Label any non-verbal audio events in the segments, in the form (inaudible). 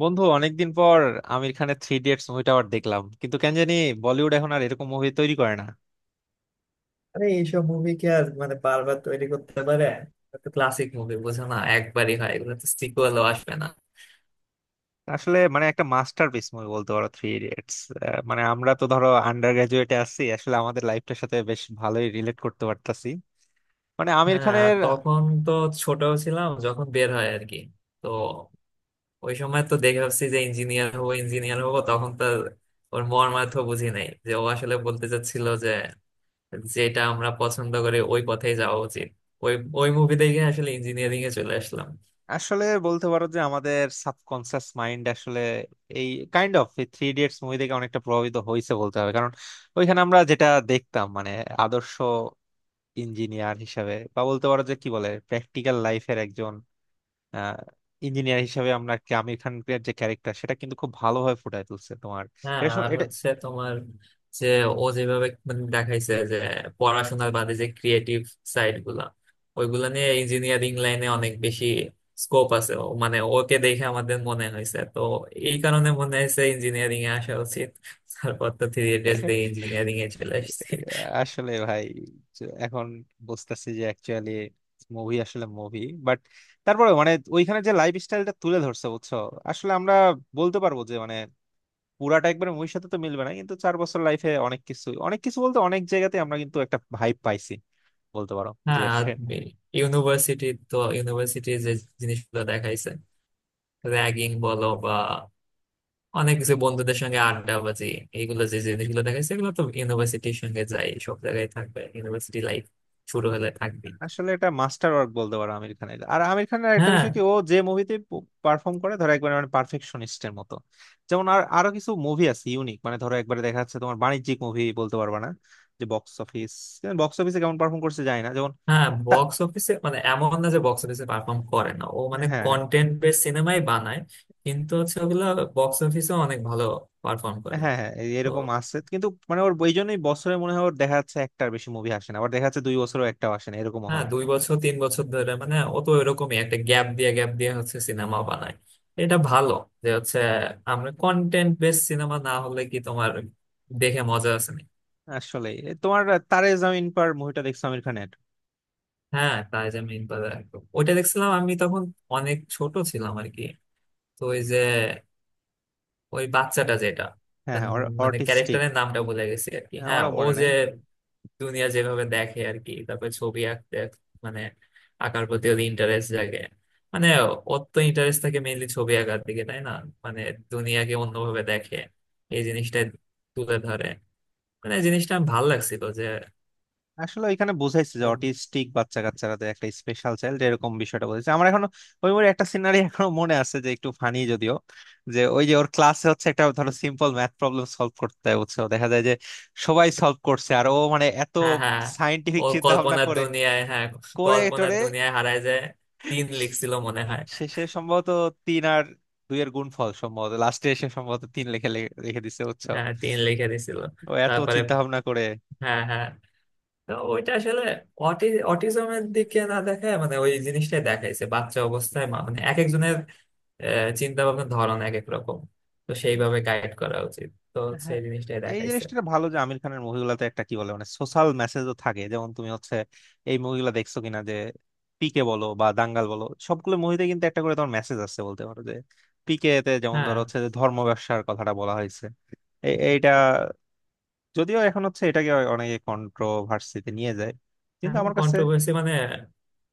বন্ধু, অনেকদিন পর আমির খানের থ্রি ইডিয়টস মুভিটা আবার দেখলাম, কিন্তু কেন জানি বলিউড এখন আর এরকম মুভি তৈরি করে না। আরে এইসব মুভি কি আর মানে বারবার তৈরি করতে পারে? এটা তো ক্লাসিক মুভি, বুঝো না? একবারই হয়, এগুলো তো সিকুয়েলও আসবে না। আসলে মানে একটা মাস্টারপিস মুভি বলতে পারো থ্রি ইডিয়টস। মানে আমরা তো ধরো আন্ডার গ্রাজুয়েটে আছি, আসলে আমাদের লাইফটার সাথে বেশ ভালোই রিলেট করতে পারতাছি মানে আমির হ্যাঁ, আর খানের। তখন তো ছোট ছিলাম যখন বের হয় আর কি। তো ওই সময় তো দেখে ভাবছি যে ইঞ্জিনিয়ার হবো, ইঞ্জিনিয়ার হবো। তখন তো ওর মর্মার্থ বুঝি নাই যে ও আসলে বলতে চাচ্ছিল যে যেটা আমরা পছন্দ করি ওই পথেই যাওয়া উচিত। ওই ওই মুভি দেখে আসলে ইঞ্জিনিয়ারিং এ চলে আসলাম। আসলে বলতে পারো যে আমাদের সাবকনসিয়াস মাইন্ড আসলে এই kind of three idiots movie থেকে অনেকটা প্রভাবিত হয়েছে বলতে হবে, কারণ ওইখানে আমরা যেটা দেখতাম মানে আদর্শ ইঞ্জিনিয়ার হিসাবে, বা বলতে পারো যে কি বলে প্র্যাকটিক্যাল লাইফের একজন ইঞ্জিনিয়ার হিসেবে, আমরা কি আমির খানের যে ক্যারেক্টার সেটা কিন্তু খুব ভালোভাবে ফুটায় তুলছে তোমার। হ্যাঁ, আর এটা হচ্ছে তোমার যে ও যেভাবে মানে দেখাইছে যে পড়াশোনার বাদে যে ক্রিয়েটিভ সাইড গুলা, ওইগুলা নিয়ে ইঞ্জিনিয়ারিং লাইনে অনেক বেশি স্কোপ আছে। ও মানে ওকে দেখে আমাদের মনে হয়েছে তো, এই কারণে মনে হয়েছে ইঞ্জিনিয়ারিং এ আসা উচিত। তারপর তো 3 ইয়ার্স দিয়ে ইঞ্জিনিয়ারিং এ চলে আসছে। আসলে ভাই, যে এখন বুঝতেছি যে অ্যাকচুয়ালি মুভি আসলে মুভি, বাট তারপরে মানে ওইখানে যে লাইফ স্টাইলটা তুলে ধরছে বুঝছো, আসলে আমরা বলতে পারবো যে মানে পুরাটা একবার মুভির সাথে তো মিলবে না, কিন্তু 4 বছর লাইফে অনেক কিছু, অনেক কিছু বলতে অনেক জায়গাতে আমরা কিন্তু একটা ভাইব পাইছি বলতে পারো যে। হ্যাঁ, আর ইউনিভার্সিটি তো ইউনিভার্সিটির যে জিনিসগুলো দেখাইছে, র্যাগিং বলো বা অনেক কিছু বন্ধুদের সঙ্গে আড্ডাবাজি, এইগুলো যে জিনিসগুলো দেখাচ্ছে এগুলো তো ইউনিভার্সিটির সঙ্গে যাই সব জায়গায় থাকবে, ইউনিভার্সিটি লাইফ শুরু হলে থাকবে। আসলে এটা মাস্টার ওয়ার্ক বলতে পারো আমির খানের। আর আমির খানের একটা হ্যাঁ বিষয় কি, ও যে মুভিতে পারফর্ম করে ধরো একবার মানে পারফেকশনিস্টের মতো, যেমন আর আরো কিছু মুভি আছে ইউনিক, মানে ধরো একবারে দেখা যাচ্ছে তোমার বাণিজ্যিক মুভি বলতে পারবা না যে বক্স অফিস, বক্স অফিসে কেমন পারফর্ম করছে যায় না যেমন। হ্যাঁ, তা- বক্স অফিসে মানে এমন না যে বক্স অফিসে পারফর্ম করে না, ও হ্যাঁ, মানে হ্যাঁ। কন্টেন্ট বেস সিনেমাই বানায়, কিন্তু হচ্ছে ওগুলো বক্স অফিসে অনেক ভালো পারফর্ম হ্যাঁ করে। হ্যাঁ, তো এরকম আছে, কিন্তু মানে ওর ওই জন্যই বছরে মনে হয় ওর দেখা যাচ্ছে একটার বেশি মুভি আসে না, আবার দেখা যাচ্ছে দুই বছরও একটাও আসে না, এরকমও হ্যাঁ, হয়। 2 বছর 3 বছর ধরে মানে ও তো এরকমই একটা গ্যাপ দিয়ে গ্যাপ দিয়ে হচ্ছে সিনেমা বানায়। এটা ভালো যে হচ্ছে আমরা কন্টেন্ট বেস সিনেমা না হলে কি তোমার দেখে মজা আছে? আসলে তোমার তারে জামিন পার মুভিটা দেখছো আমির খানের? হ্যাঁ, টার্জান মিন বাজার একদম। ওইটা দেখছিলাম আমি তখন অনেক ছোট ছিলাম আর কি। তো ওই যে ওই বাচ্চাটা যেটা হ্যাঁ, তার হ্যাঁ। মানে অর্টিস্টিক। ক্যারেক্টারের নামটা ভুলে গেছি আর কি। হ্যাঁ, আমারও ও মনে যে নাই। দুনিয়া যেভাবে দেখে আর কি, তারপরে ছবি মানে আঁকার প্রতি ওর ইন্টারেস্ট জাগে। মানে ওর তো ইন্টারেস্ট থাকে মেইনলি ছবি আঁকার দিকে, তাই না? মানে দুনিয়াকে অন্যভাবে দেখে এই জিনিসটা তুলে ধরে। মানে এই জিনিসটা আমার ভালো লাগছিল যে আসলে এখানে বুঝাইছে যে অটিস্টিক বাচ্চা কাচ্চারা একটা স্পেশাল চাইল্ড, এরকম বিষয়টা বলেছে। আমার এখনো ওই মুভির একটা সিনারি (laughs) এখনো মনে আছে, যে একটু ফানি যদিও, যে ওই যে ওর ক্লাসে হচ্ছে একটা ধরো সিম্পল ম্যাথ প্রবলেম সলভ করতে হয়, বুঝছো, দেখা যায় যে সবাই সলভ করছে, আর ও মানে এত হ্যাঁ হ্যাঁ। ও সায়েন্টিফিক চিন্তা ভাবনা কল্পনার করে দুনিয়ায়, হ্যাঁ, করে কল্পনার টোরে দুনিয়ায় হারায় যায়। তিন লিখছিল মনে হয়। শেষে সম্ভবত তিন আর দুইয়ের গুণফল সম্ভবত লাস্টে এসে সম্ভবত 3 লিখে দিছে বুঝছো, হ্যাঁ, তিন লিখে দিছিল। ও এত তারপরে চিন্তা ভাবনা করে। হ্যাঁ হ্যাঁ, তো ওইটা আসলে অটি অটিজমের দিকে না দেখায় মানে ওই জিনিসটাই দেখাইছে বাচ্চা অবস্থায় মানে এক একজনের চিন্তা ভাবনার ধরন এক এক রকম। তো সেইভাবে গাইড করা উচিত, তো হ্যাঁ। সেই জিনিসটাই এই দেখাইছে। জিনিসটা ভালো যে আমির খানের মুভিগুলোতে একটা কি বলে মানে সোশ্যাল মেসেজও থাকে, যেমন তুমি হচ্ছে এই মুভিগুলো দেখছো কিনা, যে পিকে বলো বা দাঙ্গাল বলো, সবগুলো মুভিতে কিন্তু একটা করে তোমার মেসেজ আছে বলতে পারো যে। পিকে তে যেমন হ্যাঁ, ধরো হচ্ছে যে ধর্ম ব্যবসার কথাটা বলা হয়েছে। এইটা যদিও এখন হচ্ছে এটাকে অনেকে কন্ট্রোভার্সিতে নিয়ে যায়, কিন্তু এখন আমার কাছে। কন্ট্রোভার্সি মানে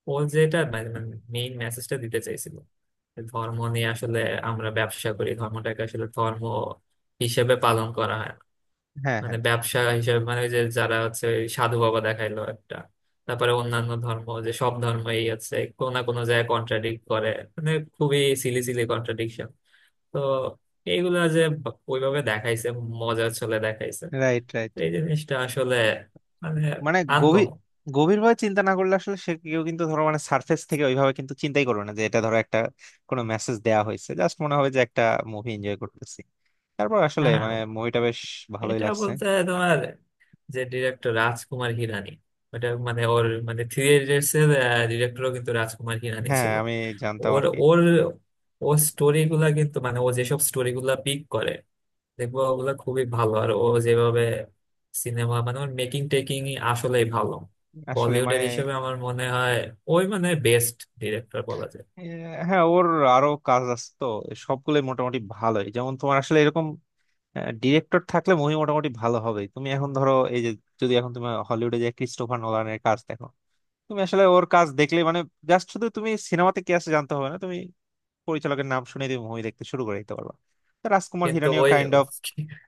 ও যেটা মানে মেইন মেসেজটা দিতে চাইছিল ধর্ম নিয়ে, আসলে আমরা ব্যবসা করি ধর্মটাকে, আসলে ধর্ম হিসেবে পালন করা হয় না। হ্যাঁ, হ্যাঁ। মানে ব্যবসা হিসেবে, মানে ওই যে যারা হচ্ছে ওই সাধু বাবা দেখাইলো একটা, তারপরে অন্যান্য ধর্ম, যে সব ধর্মই আছে কোনো না কোনো জায়গায় কন্ট্রাডিক্ট করে, মানে খুবই সিলি সিলি কন্ট্রাডিকশন। তো এইগুলা যে ওইভাবে দেখাইছে, মজার ছলে দেখাইছে। Right, right. এই জিনিসটা আসলে মানে মানে গভীর, আনকমন। গভীরভাবে চিন্তা না করলে আসলে সে কেউ কিন্তু ধরো মানে সার্ফেস থেকে ওইভাবে কিন্তু চিন্তাই করবে না যে এটা ধরো একটা কোনো মেসেজ দেয়া হয়েছে, জাস্ট মনে হবে যে একটা মুভি এনজয় করতেছি। তারপর আসলে হ্যাঁ, মানে মুভিটা বেশ ভালোই এটা লাগছে। বলতে তোমার যে ডিরেক্টর রাজকুমার হিরানি, ওটা মানে ওর মানে থ্রি ইডিয়টস এর ডিরেক্টরও কিন্তু রাজকুমার হিরানি হ্যাঁ, ছিল। আমি জানতাম ওর আর কি। ওর ও স্টোরি গুলা কিন্তু, মানে ও যেসব স্টোরি গুলা পিক করে দেখবো ওগুলা খুবই ভালো, আর ও যেভাবে সিনেমা মানে ওর মেকিং টেকিং আসলেই ভালো। আসলে মানে বলিউডের হিসেবে আমার মনে হয় ওই মানে বেস্ট ডিরেক্টর বলা যায়। আহ, হ্যাঁ ওর আরো কাজ আছে তো, সবগুলোই মোটামুটি ভালোই। যেমন তোমার আসলে এরকম ডিরেক্টর থাকলে মুভি মোটামুটি ভালো হবে। তুমি এখন ধরো এই যে, যদি এখন তুমি হলিউডে যে ক্রিস্টোফার নোলানের কাজ দেখো, তুমি আসলে ওর কাজ দেখলে মানে জাস্ট শুধু তুমি সিনেমাতে কি আছে জানতে হবে না, তুমি পরিচালকের নাম শুনে তুমি মুভি দেখতে শুরু করে দিতে পারবা। তো রাজকুমার কিন্তু হিরানিও ওই কাইন্ড অফ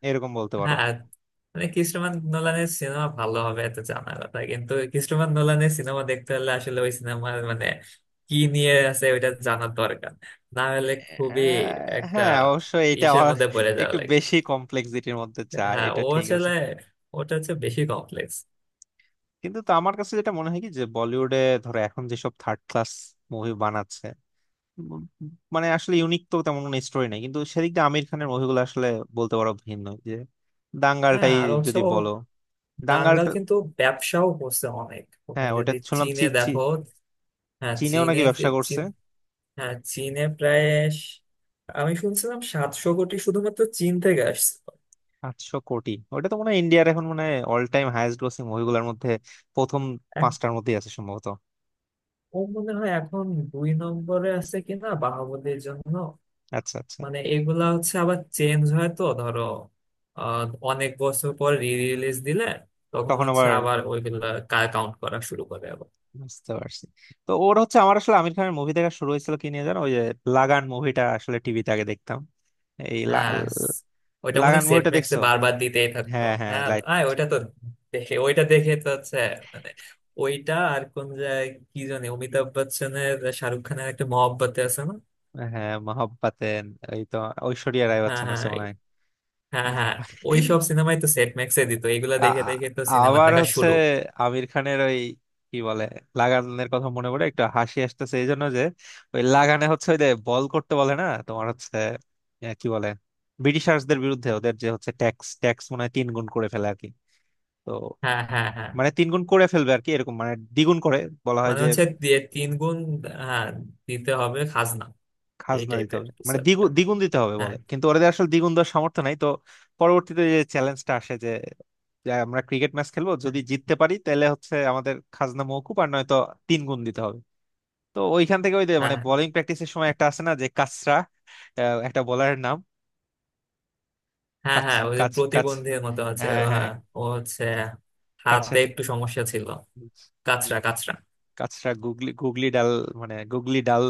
এরকম বলতে পারো। হ্যাঁ, মানে ক্রিস্টোফার নোলানের সিনেমা ভালো হবে এত জানা কথা, কিন্তু ক্রিস্টোফার নোলানের সিনেমা দেখতে হলে আসলে ওই সিনেমার মানে কি নিয়ে আছে ওইটা জানার দরকার, না হলে খুবই আহ, একটা হ্যাঁ, অবশ্য এটা ইসের মধ্যে পড়ে যাওয়া একটু লাগে। বেশি কমপ্লেক্সিটির মধ্যে যায়, হ্যাঁ, এটা ও ঠিক আছে। আসলে ওটা হচ্ছে বেশি কমপ্লেক্স। কিন্তু তো আমার কাছে যেটা মনে হয় কি, যে বলিউডে ধরো এখন যেসব থার্ড ক্লাস মুভি বানাচ্ছে, উম, মানে আসলে ইউনিক তো তেমন কোনো স্টোরি নাই, কিন্তু সেদিক দিয়ে আমির খানের মুভিগুলো আসলে বলতে পারো ভিন্ন। যে হ্যাঁ দাঙ্গালটাই আর হচ্ছে যদি ও বলো, দাঙ্গাল। দাঙ্গাল কিন্তু ব্যবসাও করছে অনেক, তুমি হ্যাঁ ওটা যদি শুনলাম। চি চীনে চি দেখো। হ্যাঁ, চীনেও নাকি ব্যবসা চীন, করছে। হ্যাঁ চীনে প্রায় স- আমি শুনছিলাম 700 কোটি শুধুমাত্র চীন থেকে আসছে। 800 কোটি, ওটা তো মনে হয় ইন্ডিয়ার এখন মানে অল টাইম হাইয়েস্ট গ্রোসিং মুভিগুলোর মধ্যে প্রথম 5টার মধ্যেই আছে সম্ভবত। ও মনে হয় এখন 2 নম্বরে আছে কিনা বাহুবলীর জন্য। আচ্ছা, আচ্ছা। মানে এগুলা হচ্ছে আবার চেঞ্জ হয় তো ধরো, আহ, অনেক বছর পর রি রিলিজ দিলে তখন তখন হচ্ছে আবার আবার ওইগুলা কাউন্ট করা শুরু করে আবার। বুঝতে পারছি। তো ওর হচ্ছে আমার আসলে আমির খানের মুভি দেখা শুরু হয়েছিল কি নিয়ে জানো, ওই যে লাগান মুভিটা আসলে টিভিতে আগে দেখতাম। এই লা- হ্যাঁ ওইটা মানে লাগান সেট মুভিটা ম্যাক্সে দেখছো? বারবার দিতেই থাকতো। হ্যাঁ হ্যাঁ, হ্যাঁ লাইট। আয়, ওইটা তো দেখে তো হচ্ছে, মানে ওইটা আর কোন জায়গায় কি জানি, অমিতাভ বচ্চনের শাহরুখ খানের একটা মহব্বতে আছে না? হ্যাঁ, মহব্বতেন, এই তো, ঐশ্বরিয়া রায় হ্যাঁ বচ্চন হ্যাঁ আছে মনে হয়। হ্যাঁ। হ্যাঁ হ্যাঁ। ওইসব সিনেমাই তো সেট ম্যাক্সে দিত, এগুলা আ- দেখে আ- দেখে তো সিনেমা আবার দেখা হচ্ছে শুরু। আমির খানের ওই কি বলে লাগানের কথা মনে পড়ে একটু হাসি আসতেছে, এই জন্য যে ওই লাগানে হচ্ছে ওই যে বল করতে বলে না তোমার হচ্ছে, কি বলে, ব্রিটিশার্সদের বিরুদ্ধে ওদের যে হচ্ছে ট্যাক্স ট্যাক্স মনে হয় 3 গুণ করে ফেলে আর কি। তো হ্যাঁ হ্যাঁ হ্যাঁ, মানে 3 গুণ করে ফেলবে আর কি, এরকম মানে দ্বিগুণ করে বলা হয় মানে যে হচ্ছে দিয়ে 3 গুণ। হ্যাঁ, দিতে হবে খাজনা, এই খাজনা দিতে টাইপের হবে, কিছু মানে একটা। দ্বিগুণ দ্বিগুণ দিতে হবে হ্যাঁ বলে, কিন্তু ওদের আসলে দ্বিগুণ দেওয়ার সামর্থ্য নাই তো। পরবর্তীতে যে চ্যালেঞ্জটা আসে, যে যে আমরা ক্রিকেট ম্যাচ খেলবো, হ্যাঁ যদি জিততে পারি তাহলে হচ্ছে আমাদের খাজনা মওকুফ, আর নয়তো 3 গুণ দিতে হবে। তো ওইখান থেকে ওই যে মানে হ্যাঁ। বোলিং প্র্যাকটিসের সময় একটা আছে না, যে কাচরা, একটা বোলারের নাম, হ্যাঁ কাচ হ্যাঁ, ওই যে কাচ কাচ প্রতিবন্ধীর মতো হচ্ছে, হ্যাঁ হ্যাঁ, হ্যাঁ ও হচ্ছে হাতে কাছের, একটু সমস্যা ছিল। কাঁচরা কাঁচরা। কাচরা গুগলি, গুগলি ডাল, মানে গুগলি ডাল,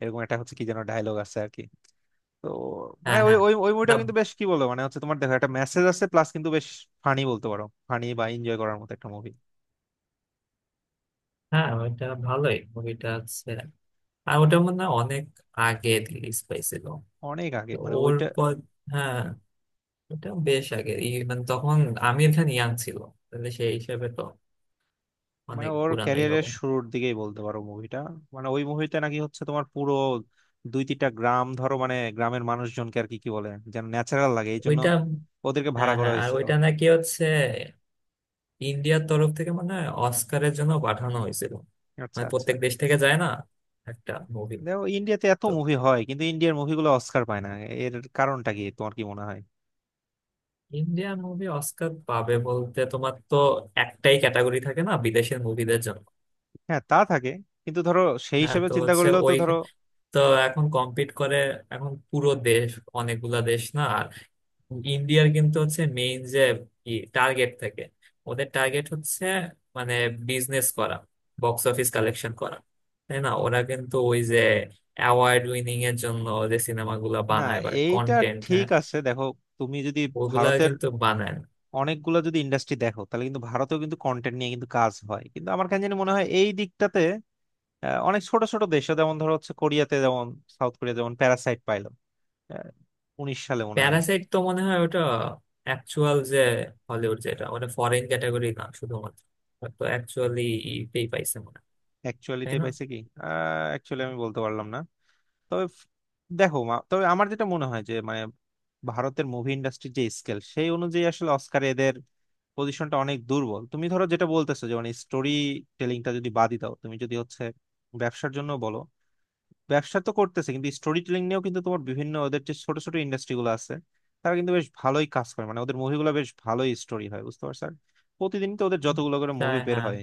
এরকম একটা হচ্ছে কি যেন ডায়লগ আছে আর কি। তো মানে হ্যাঁ ওই হ্যাঁ। ওই ওই মুভিটা না, কিন্তু বেশ, কি বলবো, মানে হচ্ছে তোমার দেখো একটা মেসেজ আছে প্লাস কিন্তু বেশ ফানি বলতে পারো, ফানি বা এনজয় করার মতো একটা মুভি। হ্যাঁ ওইটা ভালোই মুভিটা হচ্ছে। আর ওটা মনে হয় অনেক আগে রিলিজ পাইছিল। অনেক আগে তো মানে ওর ওইটা, পর, হ্যাঁ এটা বেশ আগের, এই মানে তখন আমির খান ইয়াং ছিল, তাহলে সেই হিসেবে তো মানে অনেক ওর পুরানোই ক্যারিয়ারের হবে। শুরুর দিকেই বলতে পারো মুভিটা। মানে ওই মুভিতে নাকি হচ্ছে তোমার পুরো 2-3টা গ্রাম ধরো মানে গ্রামের মানুষজনকে আর কি, কি বলে যেন ন্যাচারাল লাগে এই জন্য ওইটা ওদেরকে হ্যাঁ ভাড়া করা হ্যাঁ, আর হয়েছিল। ওইটা নাকি হচ্ছে ইন্ডিয়ার তরফ থেকে মানে অস্কারের জন্য পাঠানো হয়েছিল। আচ্ছা, মানে আচ্ছা। প্রত্যেক দেশ থেকে যায় না একটা মুভি। দেখো ইন্ডিয়াতে এত তো মুভি হয়, কিন্তু ইন্ডিয়ার মুভিগুলো অস্কার পায় না, এর কারণটা কি তোমার কি মনে হয়? ইন্ডিয়ান মুভি অস্কার পাবে বলতে তোমার তো একটাই ক্যাটাগরি থাকে না বিদেশের মুভিদের জন্য? হ্যাঁ তা থাকে, কিন্তু ধরো সেই হ্যাঁ, হিসেবে তো চিন্তা হচ্ছে করলেও তো। ওই, তো এখন কম্পিট করে এখন পুরো দেশ, অনেকগুলা দেশ না? ইন্ডিয়ার কিন্তু হচ্ছে মেইন যে কি টার্গেট থাকে, ওদের টার্গেট হচ্ছে মানে বিজনেস করা, বক্স অফিস কালেকশন করা, তাই না? ওরা কিন্তু ওই যে অ্যাওয়ার্ড উইনিং এর জন্য যে সিনেমাগুলো না, বানায় বা এইটা কন্টেন্ট, ঠিক হ্যাঁ আছে, দেখো, তুমি যদি ওগুলা ভারতের কিন্তু বানায় না। অনেকগুলো যদি ইন্ডাস্ট্রি দেখো, তাহলে কিন্তু ভারতেও কিন্তু কন্টেন্ট নিয়ে কিন্তু কাজ হয়, কিন্তু আমার কাছে জানি মনে হয় এই দিকটাতে অনেক ছোট ছোট দেশে যেমন ধরো হচ্ছে কোরিয়াতে যেমন সাউথ কোরিয়া যেমন প্যারাসাইট পাইলো, আহ, '19 সালে মনে হয়। প্যারাসাইট তো মনে হয় ওটা অ্যাকচুয়াল যে হলিউড, যেটা ওটা ফরেন ক্যাটাগরি না শুধুমাত্র, ওটা তো অ্যাকচুয়ালি ইতেই পাইছে মনে হয়, তাই অ্যাকচুয়ালিতে না? পাইছে কি? অ্যাকচুয়ালি আমি বলতে পারলাম না। তবে ফ- তবে আমার যেটা মনে হয় যে মানে ভারতের মুভি ইন্ডাস্ট্রির যে স্কেল সেই অনুযায়ী আসলে অস্কারে এদের পজিশনটা অনেক দুর্বল। তুমি ধরো যেটা বলতেছো যে মানে স্টোরি টেলিংটা যদি বাদই দাও, তুমি যদি হচ্ছে ব্যবসার জন্য বলো, ব্যবসা তো করতেছে, কিন্তু স্টোরি টেলিং নিয়েও কিন্তু তোমার বিভিন্ন ওদের যে ছোট ছোট ইন্ডাস্ট্রি গুলো আছে, তারা কিন্তু বেশ ভালোই কাজ করে, মানে ওদের মুভিগুলো বেশ ভালোই স্টোরি হয়, বুঝতে পারছো। আর প্রতিদিন তো ওদের যতগুলো করে তাই মুভি বের হ্যাঁ, হয়,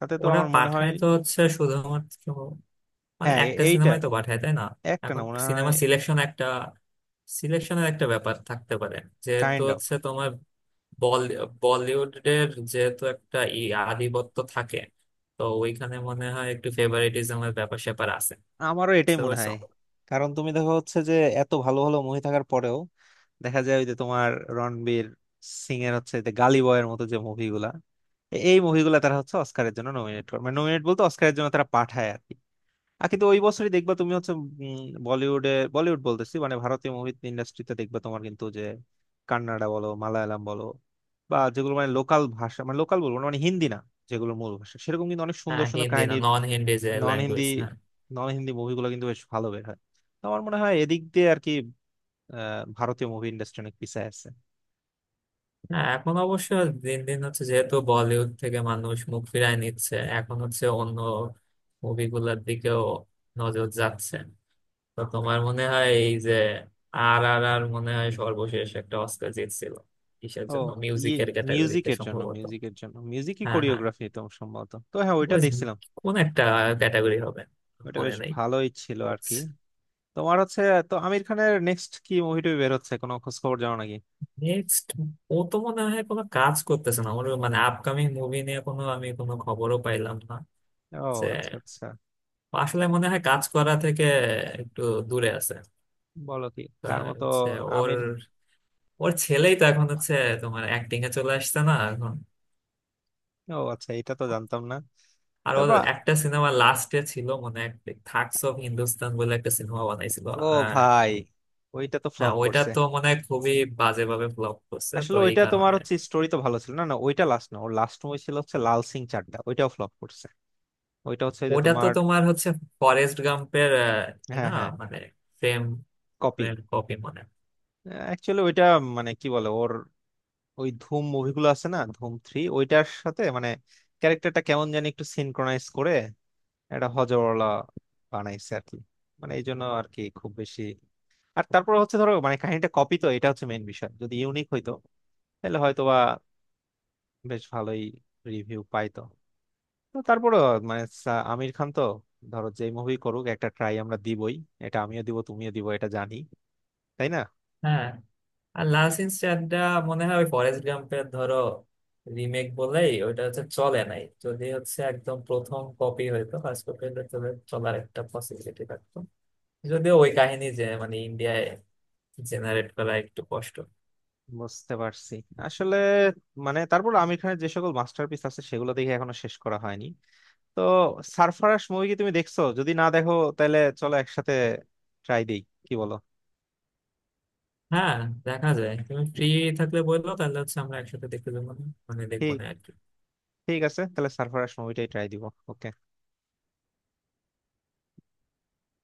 তাতে তো ওরা আমার মনে হয়। পাঠায় তো হচ্ছে শুধুমাত্র মানে হ্যাঁ, একটা এইটা সিনেমাই তো পাঠায়, তাই না? একটা না এখন মনে সিনেমা হয়। সিলেকশন একটা, সিলেকশনের একটা ব্যাপার থাকতে পারে, যেহেতু কাইন্ড অফ, হচ্ছে তোমার বলি- বলিউডের যেহেতু একটা ই আধিপত্য থাকে, তো ওইখানে মনে হয় একটু ফেভারিটিজমের ব্যাপার স্যাপার আছে। আমারও এটাই বুঝতে মনে পারছো? হয়, কারণ তুমি দেখো হচ্ছে যে এত ভালো ভালো মুভি থাকার পরেও দেখা যায় ওই যে তোমার রণবীর সিং এর হচ্ছে যে গালি বয়ের মতো যে মুভিগুলা, এই মুভিগুলা তারা হচ্ছে অস্কারের জন্য নমিনেট করে, মানে নমিনেট বলতে অস্কারের জন্য তারা পাঠায় আর কি। আর কিন্তু ওই বছরই দেখবা তুমি হচ্ছে বলিউডে, বলিউড বলতেছি মানে ভারতীয় মুভি ইন্ডাস্ট্রিতে দেখবা তোমার কিন্তু যে কান্নাডা বলো, মালায়ালাম বলো, বা যেগুলো মানে লোকাল ভাষা মানে লোকাল বলবো না, মানে হিন্দি না, যেগুলো মূল ভাষা সেরকম কিন্তু অনেক সুন্দর হ্যাঁ সুন্দর হিন্দি না, কাহিনীর। নন হিন্দি যে নন হিন্দি, ল্যাঙ্গুয়েজ, হ্যাঁ। নন হিন্দি মুভিগুলো কিন্তু বেশ ভালো বের হয়। তো আমার মনে হয় এদিক দিয়ে আর কি ভারতীয় মুভি ইন্ডাস্ট্রি অনেক পিছায় আছে। হ্যাঁ এখন অবশ্য দিন দিন হচ্ছে, যেহেতু বলিউড থেকে মানুষ মুখ ফিরায় নিচ্ছে, এখন হচ্ছে অন্য মুভিগুলোর দিকেও নজর যাচ্ছে। তো তোমার মনে হয় এই যে আর আর আর মনে হয় সর্বশেষ একটা অস্কার জিতছিল, কিসের ও জন্য, ইয়ে, মিউজিকের ক্যাটাগরিতে মিউজিকের জন্য সম্ভবত। মিউজিকের জন্য মিউজিকই হ্যাঁ হ্যাঁ, কোরিওগ্রাফি তো সম্ভবত, তো হ্যাঁ ওইটা ওই দেখছিলাম। কোন একটা ক্যাটাগরি হবে, ওইটা মনে বেশ নেই। ভালোই ছিল আর কি। তোমার হচ্ছে, তো আমির খানের নেক্সট কি মুভিটা বের হচ্ছে কোনো খোঁজ খবর জানো নাকি? নেক্সট ও তো মনে হয় কোনো কাজ করতেছে না। ওর মানে আপকামিং মুভি নিয়ে কোনো আমি কোনো খবরও পাইলাম না ও যে। আচ্ছা, আচ্ছা। ও আসলে মনে হয় কাজ করা থেকে একটু দূরে আছে। বলো কি। তা তার মতো হচ্ছে ওর, আমির। ওর ছেলেই তো এখন হচ্ছে তোমার অ্যাক্টিং এ চলে আসছে না এখন, ও আচ্ছা, এটা তো জানতাম না। আর তারপর। ওদের একটা সিনেমা লাস্টে ছিল মনে হয়, থাগস অফ হিন্দুস্তান বলে একটা সিনেমা বানাইছিল। ও আহ, ভাই, ওইটা তো হ্যাঁ ফ্লপ ওইটা করছে। তো মনে হয় খুবই বাজে ভাবে ফ্লপ করছে, তো আসলে এই ওইটা তোমার কারণে। হচ্ছে স্টোরি তো ভালো ছিল না। না ওইটা লাস্ট না, ওর লাস্ট মুভি ছিল হচ্ছে লাল সিং চাড্ডা, ওইটাও ফ্লপ করছে। ওইটা হচ্ছে যে ওটা তো তোমার, তোমার হচ্ছে ফরেস্ট গাম্পের কি হ্যাঁ না, হ্যাঁ, মানে ফ্রেম কপি। ফ্রেম কপি মনে হয়। অ্যাকচুয়ালি ওইটা মানে কি বলে ওর ওই ধুম মুভিগুলো আছে না, ধুম থ্রি, ওইটার সাথে মানে ক্যারেক্টারটা কেমন জানি একটু সিনক্রোনাইজ করে একটা হজরওয়ালা বানাইছে আর কি, মানে এই জন্য আর কি খুব বেশি। আর তারপর হচ্ছে ধরো মানে কাহিনীটা কপি, তো এটা হচ্ছে মেইন বিষয়। যদি ইউনিক হইতো, তাহলে হয়তো বা বেশ ভালোই রিভিউ পাইতো। তো তারপরে মানে আমির খান তো ধরো যেই মুভি করুক, একটা ট্রাই আমরা দিবই, এটা আমিও দিব তুমিও দিব, এটা জানি। তাই না? হ্যাঁ, আর লালসিং চাড্ডা মনে হয় ওই ফরেস্ট গাম্পের ধরো রিমেক বলেই ওইটা হচ্ছে চলে নাই, যদি হচ্ছে একদম প্রথম কপি হইতো, ফার্স্ট কপি হলে তাহলে চলার একটা পসিবিলিটি থাকতো। যদিও ওই কাহিনী যে মানে ইন্ডিয়ায় জেনারেট করা একটু কষ্ট। বুঝতে পারছি। আসলে মানে তারপর আমির খানের যে সকল মাস্টারপিস আছে সেগুলো দেখে এখনো শেষ করা হয়নি। তো সারফারাশ মুভি কি তুমি দেখছো? যদি না দেখো, তাহলে চলো একসাথে ট্রাই দিই, কি বলো? হ্যাঁ, দেখা যায় তুমি ফ্রি থাকলে বললো, তাহলে হচ্ছে আমরা একসাথে দেখতে যাবো না, মানে দেখবো ঠিক, না আর কি। ঠিক আছে তাহলে সারফারাশ মুভিটাই ট্রাই দিব। ওকে।